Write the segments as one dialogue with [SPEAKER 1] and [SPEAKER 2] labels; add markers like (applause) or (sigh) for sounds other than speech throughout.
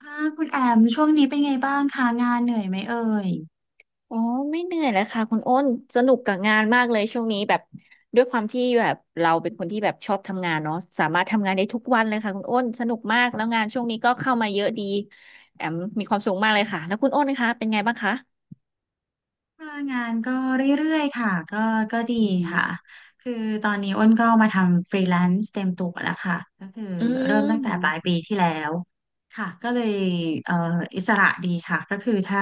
[SPEAKER 1] ค่ะคุณแอมช่วงนี้เป็นไงบ้างคะงานเหนื่อยไหมเอ่ย
[SPEAKER 2] อ๋อไม่เหนื่อยเลยค่ะคุณอ้นสนุกกับงานมากเลยช่วงนี้แบบด้วยความที่แบบเราเป็นคนที่แบบชอบทำงานเนาะสามารถทำงานได้ทุกวันเลยค่ะคุณอ้นสนุกมากแล้วงานช่วงนี้ก็เข้ามาเยอะดีแอมมีความสุขมากเลยค่ะแล้วคุณอ้นคะเป็นไงบ้างคะ
[SPEAKER 1] ค่ะงานก็เรื่อยๆค่ะก็ดี
[SPEAKER 2] อื
[SPEAKER 1] ค่ะ
[SPEAKER 2] ม
[SPEAKER 1] คือตอนนี้อ้นก็มาทำฟรีแลนซ์เต็มตัวแล้วค่ะก็คือ
[SPEAKER 2] อื
[SPEAKER 1] เริ่มตั้งแต่ปลายปี
[SPEAKER 2] ม
[SPEAKER 1] ที่แล้วค่ะก็เลยเอ่ออิสระดีค่ะก็คือถ้า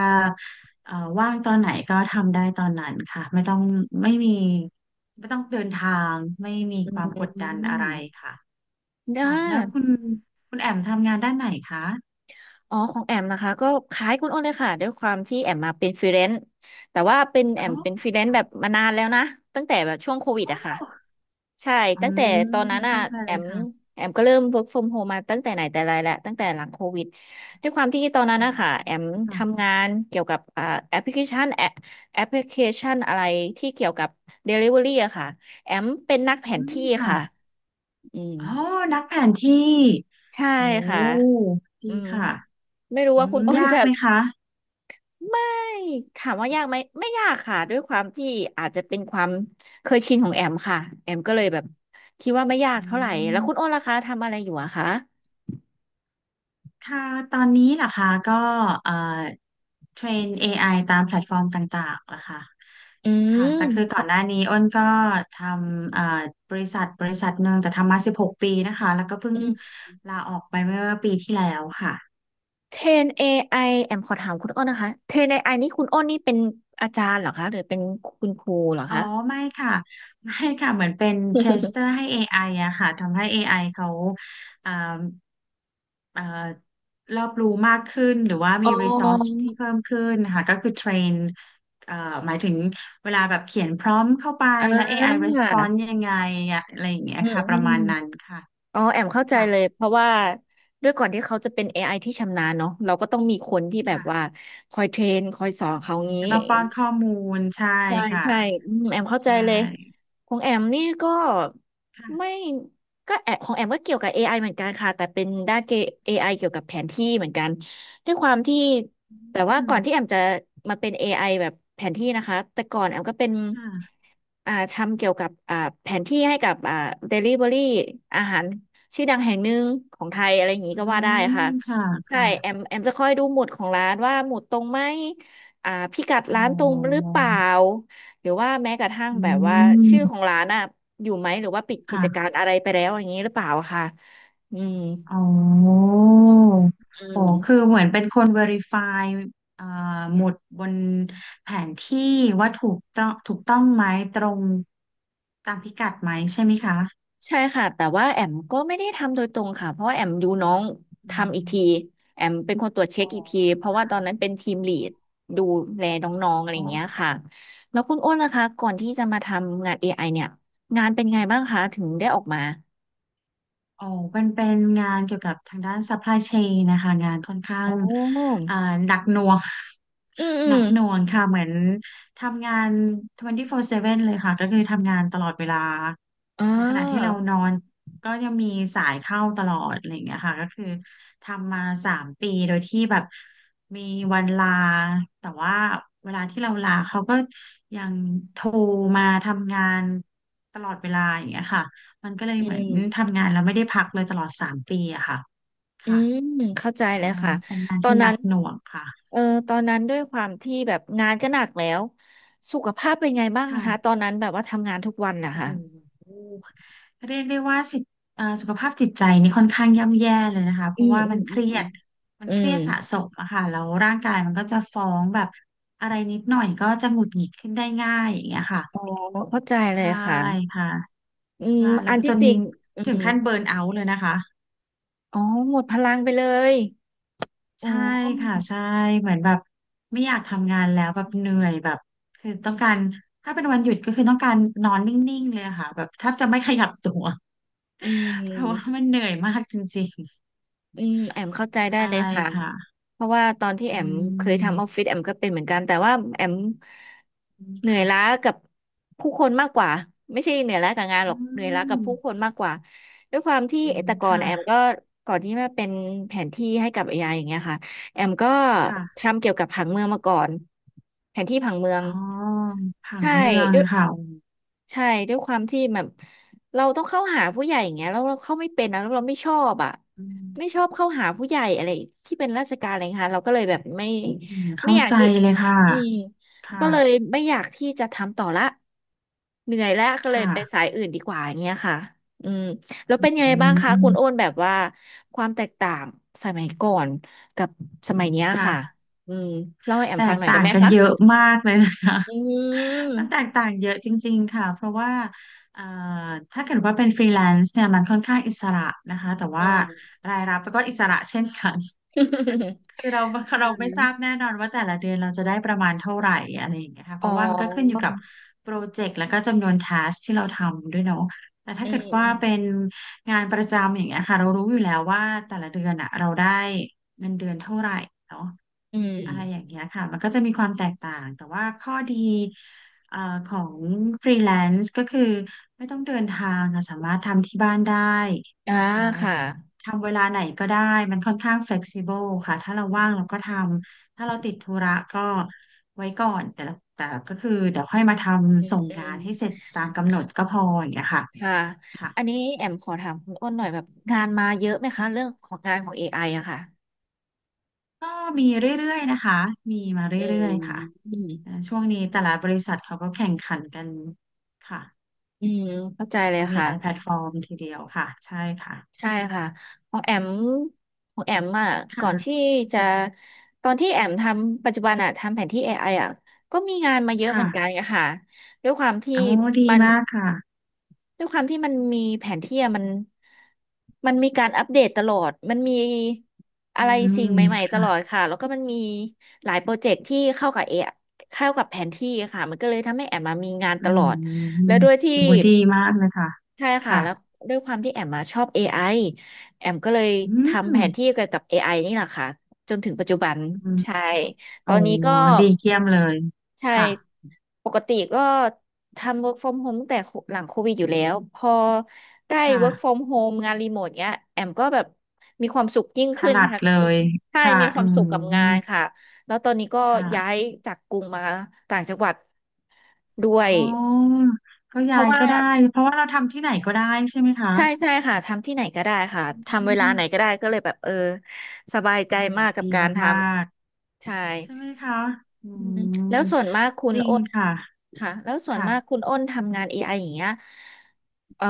[SPEAKER 1] เอ่อว่างตอนไหนก็ทำได้ตอนนั้นค่ะไม่มีไม่ต้องเดินทางไม่มี
[SPEAKER 2] อื
[SPEAKER 1] ความกดดันอะไร
[SPEAKER 2] ม
[SPEAKER 1] ค่ะ
[SPEAKER 2] ได้
[SPEAKER 1] ค่ะแล้วคุณแอมทำงานด้านไหนคะ
[SPEAKER 2] อ๋อของแอมนะคะก็คล้ายคุณอ้นเลยค่ะด้วยความที่แอมมาเป็นฟรีแลนซ์แต่ว่าเป็นแอ
[SPEAKER 1] อ๋
[SPEAKER 2] มเป็นฟ
[SPEAKER 1] อ
[SPEAKER 2] รีแลนซ์แบบมานานแล้วนะตั้งแต่แบบช่วงโควิดอะค่ะใช่
[SPEAKER 1] อื
[SPEAKER 2] ตั้งแต่
[SPEAKER 1] ม
[SPEAKER 2] ตอนนั้นอะ
[SPEAKER 1] เข้าใจ
[SPEAKER 2] แอ
[SPEAKER 1] เลย
[SPEAKER 2] ม
[SPEAKER 1] ค่ะ
[SPEAKER 2] แอมก็เริ่ม work from home มาตั้งแต่ไหนแต่ไรแล้วตั้งแต่หลังโควิดด้วยความที่ตอน
[SPEAKER 1] อื
[SPEAKER 2] นั้นนะคะแอ
[SPEAKER 1] ม
[SPEAKER 2] ม
[SPEAKER 1] ค่ะ
[SPEAKER 2] ทำงานเกี่ยวกับแอปพลิเคชันแอปแอปพลิเคชันอะไรที่เกี่ยวกับ Delivery อะค่ะแอมเป็นนักแผ
[SPEAKER 1] อื
[SPEAKER 2] น
[SPEAKER 1] ม
[SPEAKER 2] ที่
[SPEAKER 1] ค่ะ
[SPEAKER 2] ค่ะอืม
[SPEAKER 1] อ๋อนักแผนที่
[SPEAKER 2] ใช่
[SPEAKER 1] โอ้
[SPEAKER 2] ค่ะ
[SPEAKER 1] ดี
[SPEAKER 2] อืม
[SPEAKER 1] ค่ะ
[SPEAKER 2] ไม่รู้
[SPEAKER 1] อื
[SPEAKER 2] ว่าคุ
[SPEAKER 1] ม
[SPEAKER 2] ณอ้น
[SPEAKER 1] ยาก
[SPEAKER 2] จะ
[SPEAKER 1] ไหมคะ
[SPEAKER 2] ไม่ถามว่ายากไหมไม่ยากค่ะด้วยความที่อาจจะเป็นความเคยชินของแอมค่ะแอมก็เลยแบบคิดว่าไม่ยา
[SPEAKER 1] อื
[SPEAKER 2] กเท่าไหร่แล้วคุณโอ้
[SPEAKER 1] ม
[SPEAKER 2] นล่ะคะทำอะไรอยู่อะคะ
[SPEAKER 1] ค่ะตอนนี้ล่ะคะก็เอ่อเทรน AI ตามแพลตฟอร์มต่างๆล่ะค่ะ
[SPEAKER 2] อืม
[SPEAKER 1] ค่ะแต่คือ
[SPEAKER 2] ข
[SPEAKER 1] ก่อ
[SPEAKER 2] อ
[SPEAKER 1] นหน้านี้อ้นก็ทำบริษัทหนึ่งแต่ทำมา16 ปีนะคะแล้วก็เพิ่ง
[SPEAKER 2] อืม
[SPEAKER 1] ลาออกไปเมื่อปีที่แล้วค่ะ
[SPEAKER 2] เทรนเอไอแอมขอถามคุณโอ้นนะคะเทรนเอไอนี่คุณโอ้นนี่เป็นอาจารย์เหรอคะหรือเป็นคุณครูเหรอ
[SPEAKER 1] อ๋อ
[SPEAKER 2] คะ
[SPEAKER 1] ไม่ค่ะไม่ค่ะเหมือนเป็นเทสเตอร์
[SPEAKER 2] (laughs)
[SPEAKER 1] ให้ AI อไออะค่ะทำให้ AI เขาอ่าเอ่อรอบรู้มากขึ้นหรือว่า
[SPEAKER 2] อ๋
[SPEAKER 1] มี resource
[SPEAKER 2] อ
[SPEAKER 1] ที่เพิ่มขึ้นค่ะก็คือเทรนเอ่อหมายถึงเวลาแบบเขียนพร้อมเข้าไป
[SPEAKER 2] อ่
[SPEAKER 1] แล้ว AI
[SPEAKER 2] า
[SPEAKER 1] response ยังไงอะอะไรอย่างเงี้ย
[SPEAKER 2] อืม
[SPEAKER 1] ค่ะป
[SPEAKER 2] อื
[SPEAKER 1] ระ
[SPEAKER 2] ม
[SPEAKER 1] มาณนั้นค่ะ
[SPEAKER 2] อ๋อแอมเข้าใจ
[SPEAKER 1] ค่ะ
[SPEAKER 2] เลยเพราะว่าด้วยก่อนที่เขาจะเป็น AI ที่ชำนาญเนาะเราก็ต้องมีคนที่แบบว่า
[SPEAKER 1] ค่ะ
[SPEAKER 2] คอยเทรนคอยสอนเขางี้
[SPEAKER 1] ก็ต้องป้อนข้อมูลใช่
[SPEAKER 2] ใช่
[SPEAKER 1] ค่ะ
[SPEAKER 2] ใช่อืมแอมเข้าใจ
[SPEAKER 1] ใช่
[SPEAKER 2] เลยของแอมนี่ก็ไม่
[SPEAKER 1] ค่ะ
[SPEAKER 2] ก็แอบของแอมก็เกี่ยวกับ AI เหมือนกันค่ะแต่เป็นด้านเก AI เกี่ยวกับแผนที่เหมือนกันด้วยความที่
[SPEAKER 1] อื
[SPEAKER 2] แต่ว่า
[SPEAKER 1] ม
[SPEAKER 2] ก่อนที่แอมจะมาเป็น AI แบบแผนที่นะคะแต่ก่อนแอมก็เป็น
[SPEAKER 1] ค่ะ
[SPEAKER 2] ทำเกี่ยวกับแผนที่ให้กับDelivery อาหารชื่อดังแห่งหนึ่งของไทยอะไรอย่างนี้
[SPEAKER 1] อื
[SPEAKER 2] ก็ว่าได้
[SPEAKER 1] ม
[SPEAKER 2] ค่ะ
[SPEAKER 1] ค่ะ
[SPEAKER 2] ใช่
[SPEAKER 1] ค่ะ
[SPEAKER 2] แอมจะคอยดูหมุดของร้านว่าหมุดตรงไหม พิกัด
[SPEAKER 1] อ๋อ
[SPEAKER 2] ร้านตรงหรือเปล่าหรือว่าแม้กระทั่ง
[SPEAKER 1] อื
[SPEAKER 2] แบบว่าชื่อของ
[SPEAKER 1] ม
[SPEAKER 2] ร้านอ่ะอยู่ไหมหรือว่าปิดกิจกา
[SPEAKER 1] ค่ะ
[SPEAKER 2] รอะไรไปแล้วอย่างนี้หรือเปล่าค่ะอืม
[SPEAKER 1] อ๋อ
[SPEAKER 2] อื
[SPEAKER 1] โอ้คือ
[SPEAKER 2] ม
[SPEAKER 1] เหมือนเป็นคน verify เอ่อหมุดบนแผนที่ว่าถูกต้องไหมตรงตามพิกัดไหมใช่ไหมคะ
[SPEAKER 2] ใช่ค่ะแต่ว่าแอมก็ไม่ได้ทำโดยตรงค่ะเพราะว่าแอมดูน้อง
[SPEAKER 1] อื
[SPEAKER 2] ทำอีกที
[SPEAKER 1] ม
[SPEAKER 2] แอมเป็นคนตรวจเช็คอีกทีเพราะว่าตอนนั้นเป็นทีมลีดดูแลน้องๆอะไร
[SPEAKER 1] อ๋
[SPEAKER 2] อย่างเงี้ย
[SPEAKER 1] อ
[SPEAKER 2] ค่ะแล้วคุณอ้นล่ะคะก่อนที่จะมาทำงานเอไ i เนี่ยงานเป็นไงบ้างคะถึงได้ออกมา
[SPEAKER 1] อ๋อเป็นงานเกี่ยวกับทางด้าน supply chain นะคะงานค่อนข้า
[SPEAKER 2] โอ
[SPEAKER 1] ง
[SPEAKER 2] ้
[SPEAKER 1] อ่าหนักหน่วง
[SPEAKER 2] อืมอื
[SPEAKER 1] (laughs) หนั
[SPEAKER 2] ม
[SPEAKER 1] กหน่วงค่ะเหมือนทำงาน24/7เซเว่นเลยค่ะ ก็คือทำงานตลอดเวลา
[SPEAKER 2] อ่
[SPEAKER 1] ในขณะที่
[SPEAKER 2] า
[SPEAKER 1] เรานอนก็ยังมีสายเข้าตลอดอะไรอย่างเงี้ยค่ะก็คือทำมาสามปีโดยที่แบบมีวันลา แต่ว่าเวลาที่เราลาเขาก็ยังโทรมาทำงานตลอดเวลาอย่างเงี้ยค่ะ มันก็เลย
[SPEAKER 2] อื
[SPEAKER 1] เหมือ
[SPEAKER 2] ม
[SPEAKER 1] นทำงานแล้วไม่ได้พักเลยตลอดสามปีอะค่ะ
[SPEAKER 2] อื
[SPEAKER 1] ค่ะ
[SPEAKER 2] มเข้าใจ
[SPEAKER 1] เอ่
[SPEAKER 2] เลยค่ะ
[SPEAKER 1] เป็นงาน
[SPEAKER 2] ตอ
[SPEAKER 1] ที่
[SPEAKER 2] น
[SPEAKER 1] หนั
[SPEAKER 2] นั้น
[SPEAKER 1] กหน่วงค่ะ
[SPEAKER 2] เออตอนนั้นด้วยความที่แบบงานก็หนักแล้วสุขภาพเป็นไงบ้าง
[SPEAKER 1] ค่ะ
[SPEAKER 2] คะตอนนั้นแบบว่าทำงานทุกวันนะ
[SPEAKER 1] โอ้
[SPEAKER 2] คะ
[SPEAKER 1] โหเรียกได้ว่าสิสุขภาพจิตใจนี่ค่อนข้างย่ำแย่เลยนะคะเพ
[SPEAKER 2] อื
[SPEAKER 1] ราะ
[SPEAKER 2] ม
[SPEAKER 1] ว่า
[SPEAKER 2] อื
[SPEAKER 1] มั
[SPEAKER 2] ม
[SPEAKER 1] นเค
[SPEAKER 2] อืม
[SPEAKER 1] รียดมัน
[SPEAKER 2] อื
[SPEAKER 1] เค
[SPEAKER 2] ม
[SPEAKER 1] รียดสะสมอะค่ะแล้วร่างกายมันก็จะฟ้องแบบอะไรนิดหน่อยก็จะหงุดหงิดขึ้นได้ง่ายอย่างเงี้ยค่ะ
[SPEAKER 2] อ๋อเข้าใจเลย
[SPEAKER 1] ใช่
[SPEAKER 2] ค่ะ
[SPEAKER 1] ค่ะ
[SPEAKER 2] อืม
[SPEAKER 1] ใช่แล้
[SPEAKER 2] อั
[SPEAKER 1] ว
[SPEAKER 2] น
[SPEAKER 1] ก็จ
[SPEAKER 2] ที่
[SPEAKER 1] น
[SPEAKER 2] จริงอื
[SPEAKER 1] ถึง
[SPEAKER 2] ม
[SPEAKER 1] ขั้นเบิร์นเอาท์เลยนะคะ
[SPEAKER 2] อ๋อหมดพลังไปเลยอ๋
[SPEAKER 1] ใช่ค่ะ
[SPEAKER 2] อ
[SPEAKER 1] ใช่เหมือนแบบไม่อยากทำงานแล้วแบบเหนื่อยแบบคือต้องการถ้าเป็นวันหยุดก็คือต้องการนอนนิ่งๆเลยอะค่ะแบบแทบจะไม่ขยับตัว
[SPEAKER 2] อื
[SPEAKER 1] (laughs) เพราะว่า
[SPEAKER 2] ม
[SPEAKER 1] มันเหนื่อยมากจริง
[SPEAKER 2] แอมเข้า
[SPEAKER 1] ๆ
[SPEAKER 2] ใจได้
[SPEAKER 1] ใช่
[SPEAKER 2] เลยค่ะ
[SPEAKER 1] ค่ะ
[SPEAKER 2] เพราะว่าตอนที่แอ
[SPEAKER 1] อื
[SPEAKER 2] มเคยทำออฟ
[SPEAKER 1] ม
[SPEAKER 2] ฟิศแอมก็เป็นเหมือนกันแต่ว่าแอมเหนื่อย
[SPEAKER 1] ค่ะ
[SPEAKER 2] ล้ากับผู้คนมากกว่าไม่ใช่เหนื่อยล้ากับงานหร
[SPEAKER 1] อื
[SPEAKER 2] อกเหนื่อยล้ากับ
[SPEAKER 1] ม
[SPEAKER 2] ผู้คนมากกว่าด้วยความที่
[SPEAKER 1] อืม
[SPEAKER 2] แต่ก่อน
[SPEAKER 1] ค่ะ
[SPEAKER 2] แอมก็ก่อนที่มาเป็นแผนที่ให้กับ AI อไออย่างเงี้ยค่ะแอมก็
[SPEAKER 1] ค่ะ
[SPEAKER 2] ทำเกี่ยวกับผังเมืองมาก่อนแผนที่ผังเมือง
[SPEAKER 1] อ๋อผัง
[SPEAKER 2] ใช่
[SPEAKER 1] เมือง
[SPEAKER 2] ด้วย
[SPEAKER 1] ค่ะ
[SPEAKER 2] ใช่ด้วยความที่แบบเราต้องเข้าหาผู้ใหญ่อย่างเงี้ยแล้วเราเข้าไม่เป็นนะแล้วเราไม่ชอบอ่ะ
[SPEAKER 1] อื
[SPEAKER 2] ไม่ช
[SPEAKER 1] ม
[SPEAKER 2] อบเข้าหาผู้ใหญ่อะไรที่เป็นราชการอะไรเงี้ยค่ะเราก็เลยแบบไม่
[SPEAKER 1] อืม
[SPEAKER 2] ไม่
[SPEAKER 1] เข้า
[SPEAKER 2] อยาก
[SPEAKER 1] ใจ
[SPEAKER 2] ที่
[SPEAKER 1] เลยค่ะ
[SPEAKER 2] อืม
[SPEAKER 1] ค่ะ
[SPEAKER 2] ก็เลยไม่อยากที่จะทำต่อละเหนื่อยแล้วก็เลยไป
[SPEAKER 1] ค่ะ
[SPEAKER 2] สายอื่นดีกว่าอย่างเงี้ยค่ะอืมแล้ว
[SPEAKER 1] อ
[SPEAKER 2] เป็นยังไง
[SPEAKER 1] ื
[SPEAKER 2] บ้างคะคุณโอ้น
[SPEAKER 1] ม
[SPEAKER 2] แบบว่าความแตกต่างสมัยก่อนกับสมัยเนี้ยค่ะ
[SPEAKER 1] ค่ะ
[SPEAKER 2] อืมเล่าให้แอม
[SPEAKER 1] แต
[SPEAKER 2] ฟัง
[SPEAKER 1] ก
[SPEAKER 2] หน่อย
[SPEAKER 1] ต่า
[SPEAKER 2] ได้
[SPEAKER 1] ง
[SPEAKER 2] ไหม
[SPEAKER 1] กัน
[SPEAKER 2] คะ
[SPEAKER 1] เยอะมากเลยนะคะ
[SPEAKER 2] อื
[SPEAKER 1] (laughs) มันแต
[SPEAKER 2] ม
[SPEAKER 1] กต่างเยอะจริงๆค่ะ เพราะว่าเอ่อถ้าเกิดว่าเป็นฟรีแลนซ์เนี่ยมันค่อนข้างอิสระนะคะ แต่
[SPEAKER 2] อื
[SPEAKER 1] ว่า
[SPEAKER 2] ม (laughs)
[SPEAKER 1] คือเรา
[SPEAKER 2] อื
[SPEAKER 1] เราไม่ทราบ
[SPEAKER 2] ม
[SPEAKER 1] แน่นอนว่าแต่ละเดือนเราจะได้ประมาณเท่าไหร่อะไรอย่างเงี้ยค่ะเพ
[SPEAKER 2] อ๋
[SPEAKER 1] ราะว่ามันก็ขึ้นอ
[SPEAKER 2] อ
[SPEAKER 1] ยู่กับโปรเจกต์แล้วก็จำนวนทัสที่เราทำด้วยเนาะแต่ถ้า
[SPEAKER 2] อื
[SPEAKER 1] เกิดว่าเป็
[SPEAKER 2] ม
[SPEAKER 1] นงานประจำอย่างเงี้ยค่ะเรารู้อยู่แล้วว่าแต่ละเดือนอะเราได้เงินเดือนเท่าไหร่เนาะ
[SPEAKER 2] อื
[SPEAKER 1] อะไรอย่าง
[SPEAKER 2] ม
[SPEAKER 1] เงี้ยค่ะมันก็จะมีความแตกต่างแต่ว่าข้อดีเอ่อของฟรีแลนซ์ก็คือไม่ต้องเดินทางเราสามารถทำที่บ้านได้
[SPEAKER 2] อ่า
[SPEAKER 1] เอ่อ
[SPEAKER 2] ค่ะ
[SPEAKER 1] ทำเวลาไหนก็ได้มันค่อนข้าง flexible ค่ะถ้าเราว่างเราก็ทำถ้าเราติดธุระก็ไว้ก่อนแต่ละแต่ก็คือเดี๋ยวค่อยมาท
[SPEAKER 2] อื
[SPEAKER 1] ำ
[SPEAKER 2] ม
[SPEAKER 1] ส่ง
[SPEAKER 2] อื
[SPEAKER 1] งา
[SPEAKER 2] ม
[SPEAKER 1] นให้เสร็จตามกำหนดก็พออย่างเงี้ยค่ะ
[SPEAKER 2] ค่ะ
[SPEAKER 1] ค่ะ
[SPEAKER 2] อันนี้แอมขอถามคุณอ้นหน่อยแบบงานมาเยอะไหมคะเรื่องของงานของ AI อไออะค่ะ
[SPEAKER 1] ก็มีเรื่อยๆนะคะมีมาเร
[SPEAKER 2] อืม
[SPEAKER 1] ื่อยๆค่ะ
[SPEAKER 2] อืม
[SPEAKER 1] ช่วงนี้แต่ละบริษัทเขาก็แข่งขันกันค่ะ
[SPEAKER 2] อืมเข้าใจเลย
[SPEAKER 1] มีหลายแพล
[SPEAKER 2] ค่ะ
[SPEAKER 1] ตฟอร์มทีเดียวค่ะใช่ค่ะ
[SPEAKER 2] ใช่ค่ะของแอมของแอมอ่ะก่อนที่
[SPEAKER 1] ค่ะ
[SPEAKER 2] จะตอนที่แอมทำปัจจุบันอ่ะทำแผนที่ AI อไออ่ะก็มีงานมาเยอะเหมื
[SPEAKER 1] ค่ะ
[SPEAKER 2] อนกันค่ะด้วยความที่
[SPEAKER 1] โอ้ดี
[SPEAKER 2] มัน
[SPEAKER 1] มากค่ะ
[SPEAKER 2] ด้วยความที่มันมีแผนที่อะมันมีการอัปเดตตลอด มันมีอะ
[SPEAKER 1] อื
[SPEAKER 2] ไรสิ่ง
[SPEAKER 1] ม
[SPEAKER 2] ใหม่ๆต
[SPEAKER 1] ค่ะ
[SPEAKER 2] ลอดค่ะ แล้วก็มันมีหลายโปรเจกต์ที่เข้ากับเอเข้ากับแผนที่ค่ะมันก็เลยทำให้แอมมามีงาน
[SPEAKER 1] อื
[SPEAKER 2] ตลอด
[SPEAKER 1] ม
[SPEAKER 2] แล้วด้วยที่
[SPEAKER 1] คุณบูดดีมากเลยค่ะ
[SPEAKER 2] ใช่ค่ะ
[SPEAKER 1] ค่ะ
[SPEAKER 2] แล้วด้วยความที่แอมมาชอบ AI แอมก็เลย
[SPEAKER 1] อื
[SPEAKER 2] ทำ
[SPEAKER 1] ม
[SPEAKER 2] แผนที่เกี่ยวกับ AI นี่แหละค่ะจนถึงปัจจุบัน
[SPEAKER 1] อืม
[SPEAKER 2] ใช่ ต
[SPEAKER 1] โอ้
[SPEAKER 2] อนนี้ก็
[SPEAKER 1] ดีเยี่ยมเลย
[SPEAKER 2] ใช่
[SPEAKER 1] ค่ะ
[SPEAKER 2] ปกติก็ทำ work from home ตั้งแต่หลังโควิดอยู่แล้วพอได้
[SPEAKER 1] ค
[SPEAKER 2] work
[SPEAKER 1] ่ะ
[SPEAKER 2] from home งานรีโมทเนี้ยแอมก็แบบมีความสุขยิ่ง
[SPEAKER 1] ถ
[SPEAKER 2] ขึ้น
[SPEAKER 1] นัด
[SPEAKER 2] ค่ะ
[SPEAKER 1] เล
[SPEAKER 2] มี
[SPEAKER 1] ย
[SPEAKER 2] ใช่
[SPEAKER 1] ค่ะ
[SPEAKER 2] มีค
[SPEAKER 1] อื
[SPEAKER 2] วามสุขกับงา
[SPEAKER 1] ม
[SPEAKER 2] นค่ะแล้วตอนนี้ก็ย้าย
[SPEAKER 1] ค่ะ
[SPEAKER 2] จากกรุงมาต่างจังหวัดด้วย
[SPEAKER 1] อ๋อก็
[SPEAKER 2] เพ
[SPEAKER 1] ยา
[SPEAKER 2] ราะ
[SPEAKER 1] ย
[SPEAKER 2] ว่า
[SPEAKER 1] ก็ได้ เพราะว่าเราทำที่ไหนก็ได้ใช่ไหมคะ
[SPEAKER 2] ใช่ใช่ค่ะทำที่ไหนก็ได้ค่ะ
[SPEAKER 1] อื
[SPEAKER 2] ทำเวลาไหนก็
[SPEAKER 1] ม
[SPEAKER 2] ได้ก็เลยแบบเออสบายใจ
[SPEAKER 1] โห
[SPEAKER 2] มากกับ
[SPEAKER 1] ดี
[SPEAKER 2] การท
[SPEAKER 1] มาก
[SPEAKER 2] ำใช่
[SPEAKER 1] ๆใช่ไหมคะอื
[SPEAKER 2] อืม
[SPEAKER 1] ม
[SPEAKER 2] แล้วส่วนมากคุ
[SPEAKER 1] จ
[SPEAKER 2] ณ
[SPEAKER 1] ริ
[SPEAKER 2] โอ้
[SPEAKER 1] ง
[SPEAKER 2] น
[SPEAKER 1] ค่ะ
[SPEAKER 2] ค่ะแล้วส่วนมากคุ
[SPEAKER 1] ค่ะ
[SPEAKER 2] ณอ้นทำงาน AI อไออย่างเงี้ยเอ่อ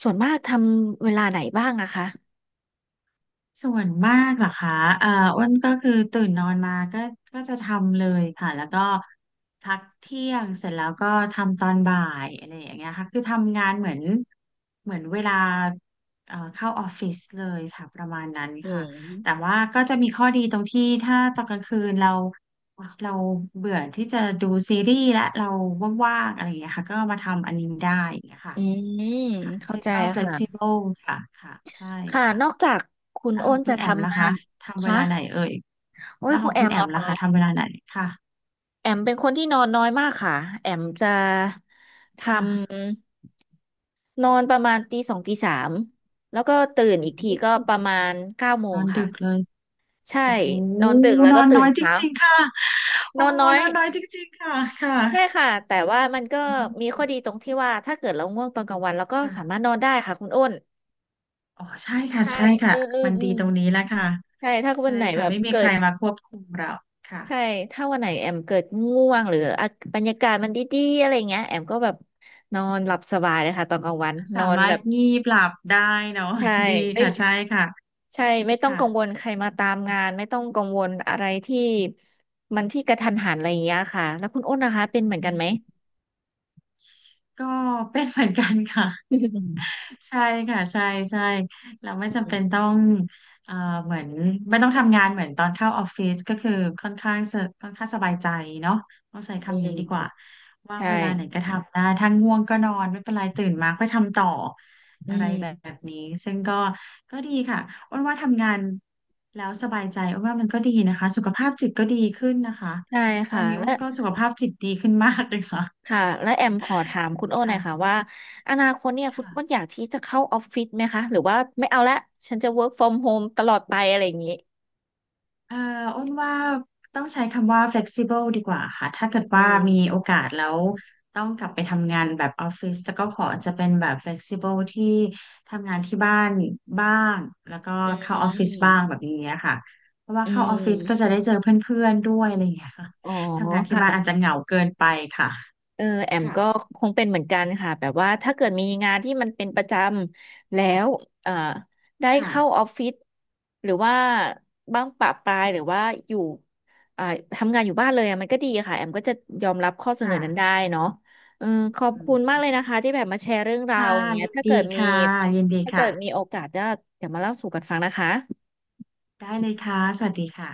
[SPEAKER 2] ส่วนมากทำเวลาไหนบ้างอะคะ
[SPEAKER 1] ส่วนมากเหรอคะเอ่ออ้วนก็คือตื่นนอนมาก็จะทำเลยค่ะแล้วก็พักเที่ยงเสร็จแล้วก็ทำตอนบ่ายอะไรอย่างเงี้ยค่ะคือทำงานเหมือนเวลาเข้าออฟฟิศเลยค่ะประมาณนั้น
[SPEAKER 2] อื
[SPEAKER 1] ค่ะแต่
[SPEAKER 2] ม
[SPEAKER 1] ว่าก็จะมีข้อดีตรงที่ถ้าตอนกลางคืนเราเบื่อที่จะดูซีรีส์และเราว่างๆอะไรอย่างเงี้ยค่ะก็มาทำอันนี้ได้อย่างเงี้ยค่ะ
[SPEAKER 2] อืม
[SPEAKER 1] ค่ะ
[SPEAKER 2] เข้า
[SPEAKER 1] ซึ่ง
[SPEAKER 2] ใจ
[SPEAKER 1] ก็
[SPEAKER 2] ค่ะ
[SPEAKER 1] flexible ค่ะค่ะใช่
[SPEAKER 2] ค่ะ
[SPEAKER 1] ค่ะ
[SPEAKER 2] นอกจากคุณ
[SPEAKER 1] แล้วข
[SPEAKER 2] อ้
[SPEAKER 1] อง
[SPEAKER 2] น
[SPEAKER 1] คุ
[SPEAKER 2] จะ
[SPEAKER 1] ณแอมล่ะ
[SPEAKER 2] ทำงา
[SPEAKER 1] คะ
[SPEAKER 2] น
[SPEAKER 1] ทำเว
[SPEAKER 2] คะ
[SPEAKER 1] ลาไหนเอ่ย
[SPEAKER 2] โอ้ย
[SPEAKER 1] แล้วข
[SPEAKER 2] คุ
[SPEAKER 1] อ
[SPEAKER 2] ณ
[SPEAKER 1] ง
[SPEAKER 2] แอ
[SPEAKER 1] คุณ
[SPEAKER 2] ม
[SPEAKER 1] แอ
[SPEAKER 2] เหรอ
[SPEAKER 1] มล่ะคะ
[SPEAKER 2] คะ
[SPEAKER 1] ทำเวลาไหนค่ะ
[SPEAKER 2] แอมเป็นคนที่นอนน้อยมากค่ะแอมจะท
[SPEAKER 1] ค่ะ
[SPEAKER 2] ำนอนประมาณตีสองตีสามแล้วก็ตื่นอี
[SPEAKER 1] โอ้
[SPEAKER 2] ก
[SPEAKER 1] โห
[SPEAKER 2] ทีก็ประมาณเก้าโม
[SPEAKER 1] น
[SPEAKER 2] ง
[SPEAKER 1] อน
[SPEAKER 2] ค่ะ
[SPEAKER 1] ดึกเลย
[SPEAKER 2] ใช่
[SPEAKER 1] โอ้โห
[SPEAKER 2] นอนดึกแล้ว
[SPEAKER 1] นอ
[SPEAKER 2] ก็
[SPEAKER 1] น
[SPEAKER 2] ตื่
[SPEAKER 1] น้อ
[SPEAKER 2] น
[SPEAKER 1] ยจ
[SPEAKER 2] เช้า
[SPEAKER 1] ริงๆค่ะ
[SPEAKER 2] น
[SPEAKER 1] โอ้
[SPEAKER 2] อน
[SPEAKER 1] โห
[SPEAKER 2] น้อ
[SPEAKER 1] น
[SPEAKER 2] ย
[SPEAKER 1] อนน้อยจริงๆค่ะค่ะ
[SPEAKER 2] ใช่ค่ะแต่ว่ามันก็
[SPEAKER 1] อืม
[SPEAKER 2] มีข้อดีตรงที่ว่าถ้าเกิดเราง่วงตอนกลางวันเราก็สา
[SPEAKER 1] ค่ะ
[SPEAKER 2] มารถนอนได้ค่ะคุณอ้น
[SPEAKER 1] อ๋อใช่ค่ะ
[SPEAKER 2] ใช่
[SPEAKER 1] ใช่ค่ะ
[SPEAKER 2] เอืมออ
[SPEAKER 1] มัน
[SPEAKER 2] อื
[SPEAKER 1] ดี
[SPEAKER 2] ม
[SPEAKER 1] ตรงนี้แหละค่ะ
[SPEAKER 2] ใช่ถ้าวั
[SPEAKER 1] ใช่
[SPEAKER 2] นไหนแบ
[SPEAKER 1] ค่ะ
[SPEAKER 2] บ
[SPEAKER 1] ไม่มี
[SPEAKER 2] เกิ
[SPEAKER 1] ใคร
[SPEAKER 2] ด
[SPEAKER 1] มาควบคุมเราค่ะ
[SPEAKER 2] ใช่ถ้าวันไหนแอมเกิดง่วงหรืออ่ะบรรยากาศมันดีๆอะไรเงี้ยแอมก็แบบนอนหลับสบายเลยค่ะตอนกลางวันนอ
[SPEAKER 1] สา
[SPEAKER 2] น
[SPEAKER 1] มา
[SPEAKER 2] แบ
[SPEAKER 1] รถ
[SPEAKER 2] บ
[SPEAKER 1] งีบหลับได้เนาะ
[SPEAKER 2] ใช่
[SPEAKER 1] (laughs) ดี
[SPEAKER 2] ไม่
[SPEAKER 1] ค่ะใช่ค่ะ
[SPEAKER 2] ใช่ไม่ต้อง
[SPEAKER 1] ค่ะ
[SPEAKER 2] กังวลใครมาตามงานไม่ต้องกังวลอะไรที่มันที่กระทันหันอะไรอย่างเงี้ยค่ะแล้วคุณอ้นนะคะเป็นเหมือนกั
[SPEAKER 1] อื
[SPEAKER 2] นไหม
[SPEAKER 1] มก็เป็นเหมือนกันค่ะ
[SPEAKER 2] อืม
[SPEAKER 1] ใช่ค่ะใช่ใช่เราไม่จำ
[SPEAKER 2] อื
[SPEAKER 1] เป็น
[SPEAKER 2] ม
[SPEAKER 1] ต้องเอ่อเหมือนไม่ต้องทำงานเหมือนตอนเข้าออฟฟิศก็คือค่อนข้างสบายใจเนาะต้องใช้
[SPEAKER 2] อื
[SPEAKER 1] คำนี้ดีกว่า
[SPEAKER 2] ม
[SPEAKER 1] ว่าง
[SPEAKER 2] ใช่
[SPEAKER 1] เวลาไหนก็ทำได้ถ้าง่วงก็นอนไม่เป็นไรตื่นมาค่อยทำต่อ
[SPEAKER 2] อื
[SPEAKER 1] อะไรแบ
[SPEAKER 2] ม
[SPEAKER 1] บนี้ซึ่งก็ดีค่ะอ้วนว่าทำงานแล้วสบายใจอ้วนว่ามันก็ดีนะคะสุขภาพจิตก็ดีขึ้นนะคะ
[SPEAKER 2] ใช่
[SPEAKER 1] ตอ
[SPEAKER 2] ค่ะ
[SPEAKER 1] นนี้อ้
[SPEAKER 2] และ
[SPEAKER 1] วนก็สุขภาพจิตดีขึ้นมากเลยค่ะ
[SPEAKER 2] ค่ะและแอมขอถามคุณโอ้หน่อยค่ะ
[SPEAKER 1] ค่ะ
[SPEAKER 2] ว่าอนาคตเนี่ยคุณโอ้น
[SPEAKER 1] ค่ะ
[SPEAKER 2] อยากที่จะเข้าออฟฟิศไหมคะหรือว่าไม่เอาละฉันจะ work from home ตลอดไปอะไรอย่างนี้
[SPEAKER 1] เอ่ออ้นว่าต้องใช้คำว่า flexible ดีกว่าค่ะถ้าเกิด
[SPEAKER 2] อื
[SPEAKER 1] ว่า
[SPEAKER 2] ม
[SPEAKER 1] มีโอกาสแล้วต้องกลับไปทำงานแบบออฟฟิศแต่ก็ขอจะเป็นแบบ flexible ที่ทำงานที่บ้านบ้างแล้วก็
[SPEAKER 2] อื
[SPEAKER 1] เข้าออฟฟิศบ้าง
[SPEAKER 2] ม
[SPEAKER 1] แบบนี้ค่ะเพราะว่า
[SPEAKER 2] อื
[SPEAKER 1] เข้าออฟฟิศก็จะได้
[SPEAKER 2] ม
[SPEAKER 1] เจอเพื่อนๆด้วยอะไรอย่างเงี้ยค่ะ
[SPEAKER 2] อ๋อ
[SPEAKER 1] ทำงานที่
[SPEAKER 2] ค่ะ
[SPEAKER 1] บ้านอาจจะเหงาเกินไปค่ะ
[SPEAKER 2] เออแอม
[SPEAKER 1] ค่ะ
[SPEAKER 2] ก็คงเป็นเหมือนกันค่ะแบบว่าถ้าเกิดมีงานที่มันเป็นประจำแล้วเอ่อได้
[SPEAKER 1] ค่ะ
[SPEAKER 2] เข้าออฟฟิศหรือว่าบ้างปะปลายหรือว่าอยู่อ่าทำงานอยู่บ้านเลยอะมันก็ดีค่ะแอมก็จะยอมรับข้อเสนอนั้นได้
[SPEAKER 1] ค่ะ
[SPEAKER 2] เนาะเออขอบ
[SPEAKER 1] อื
[SPEAKER 2] คุณมาก
[SPEAKER 1] ม
[SPEAKER 2] เลยนะคะที่แบบมาแชร์เรื่องราว
[SPEAKER 1] ค่ะ
[SPEAKER 2] อย่างเงี้ย
[SPEAKER 1] ยินดีค่ะยินดี
[SPEAKER 2] ถ้าเกิดมี
[SPEAKER 1] ค่ะ
[SPEAKER 2] โอกาสจะเดี๋ยวมาเล่าสู่กันฟังนะคะ
[SPEAKER 1] ได้เลยค่ะสวัสดีค่ะ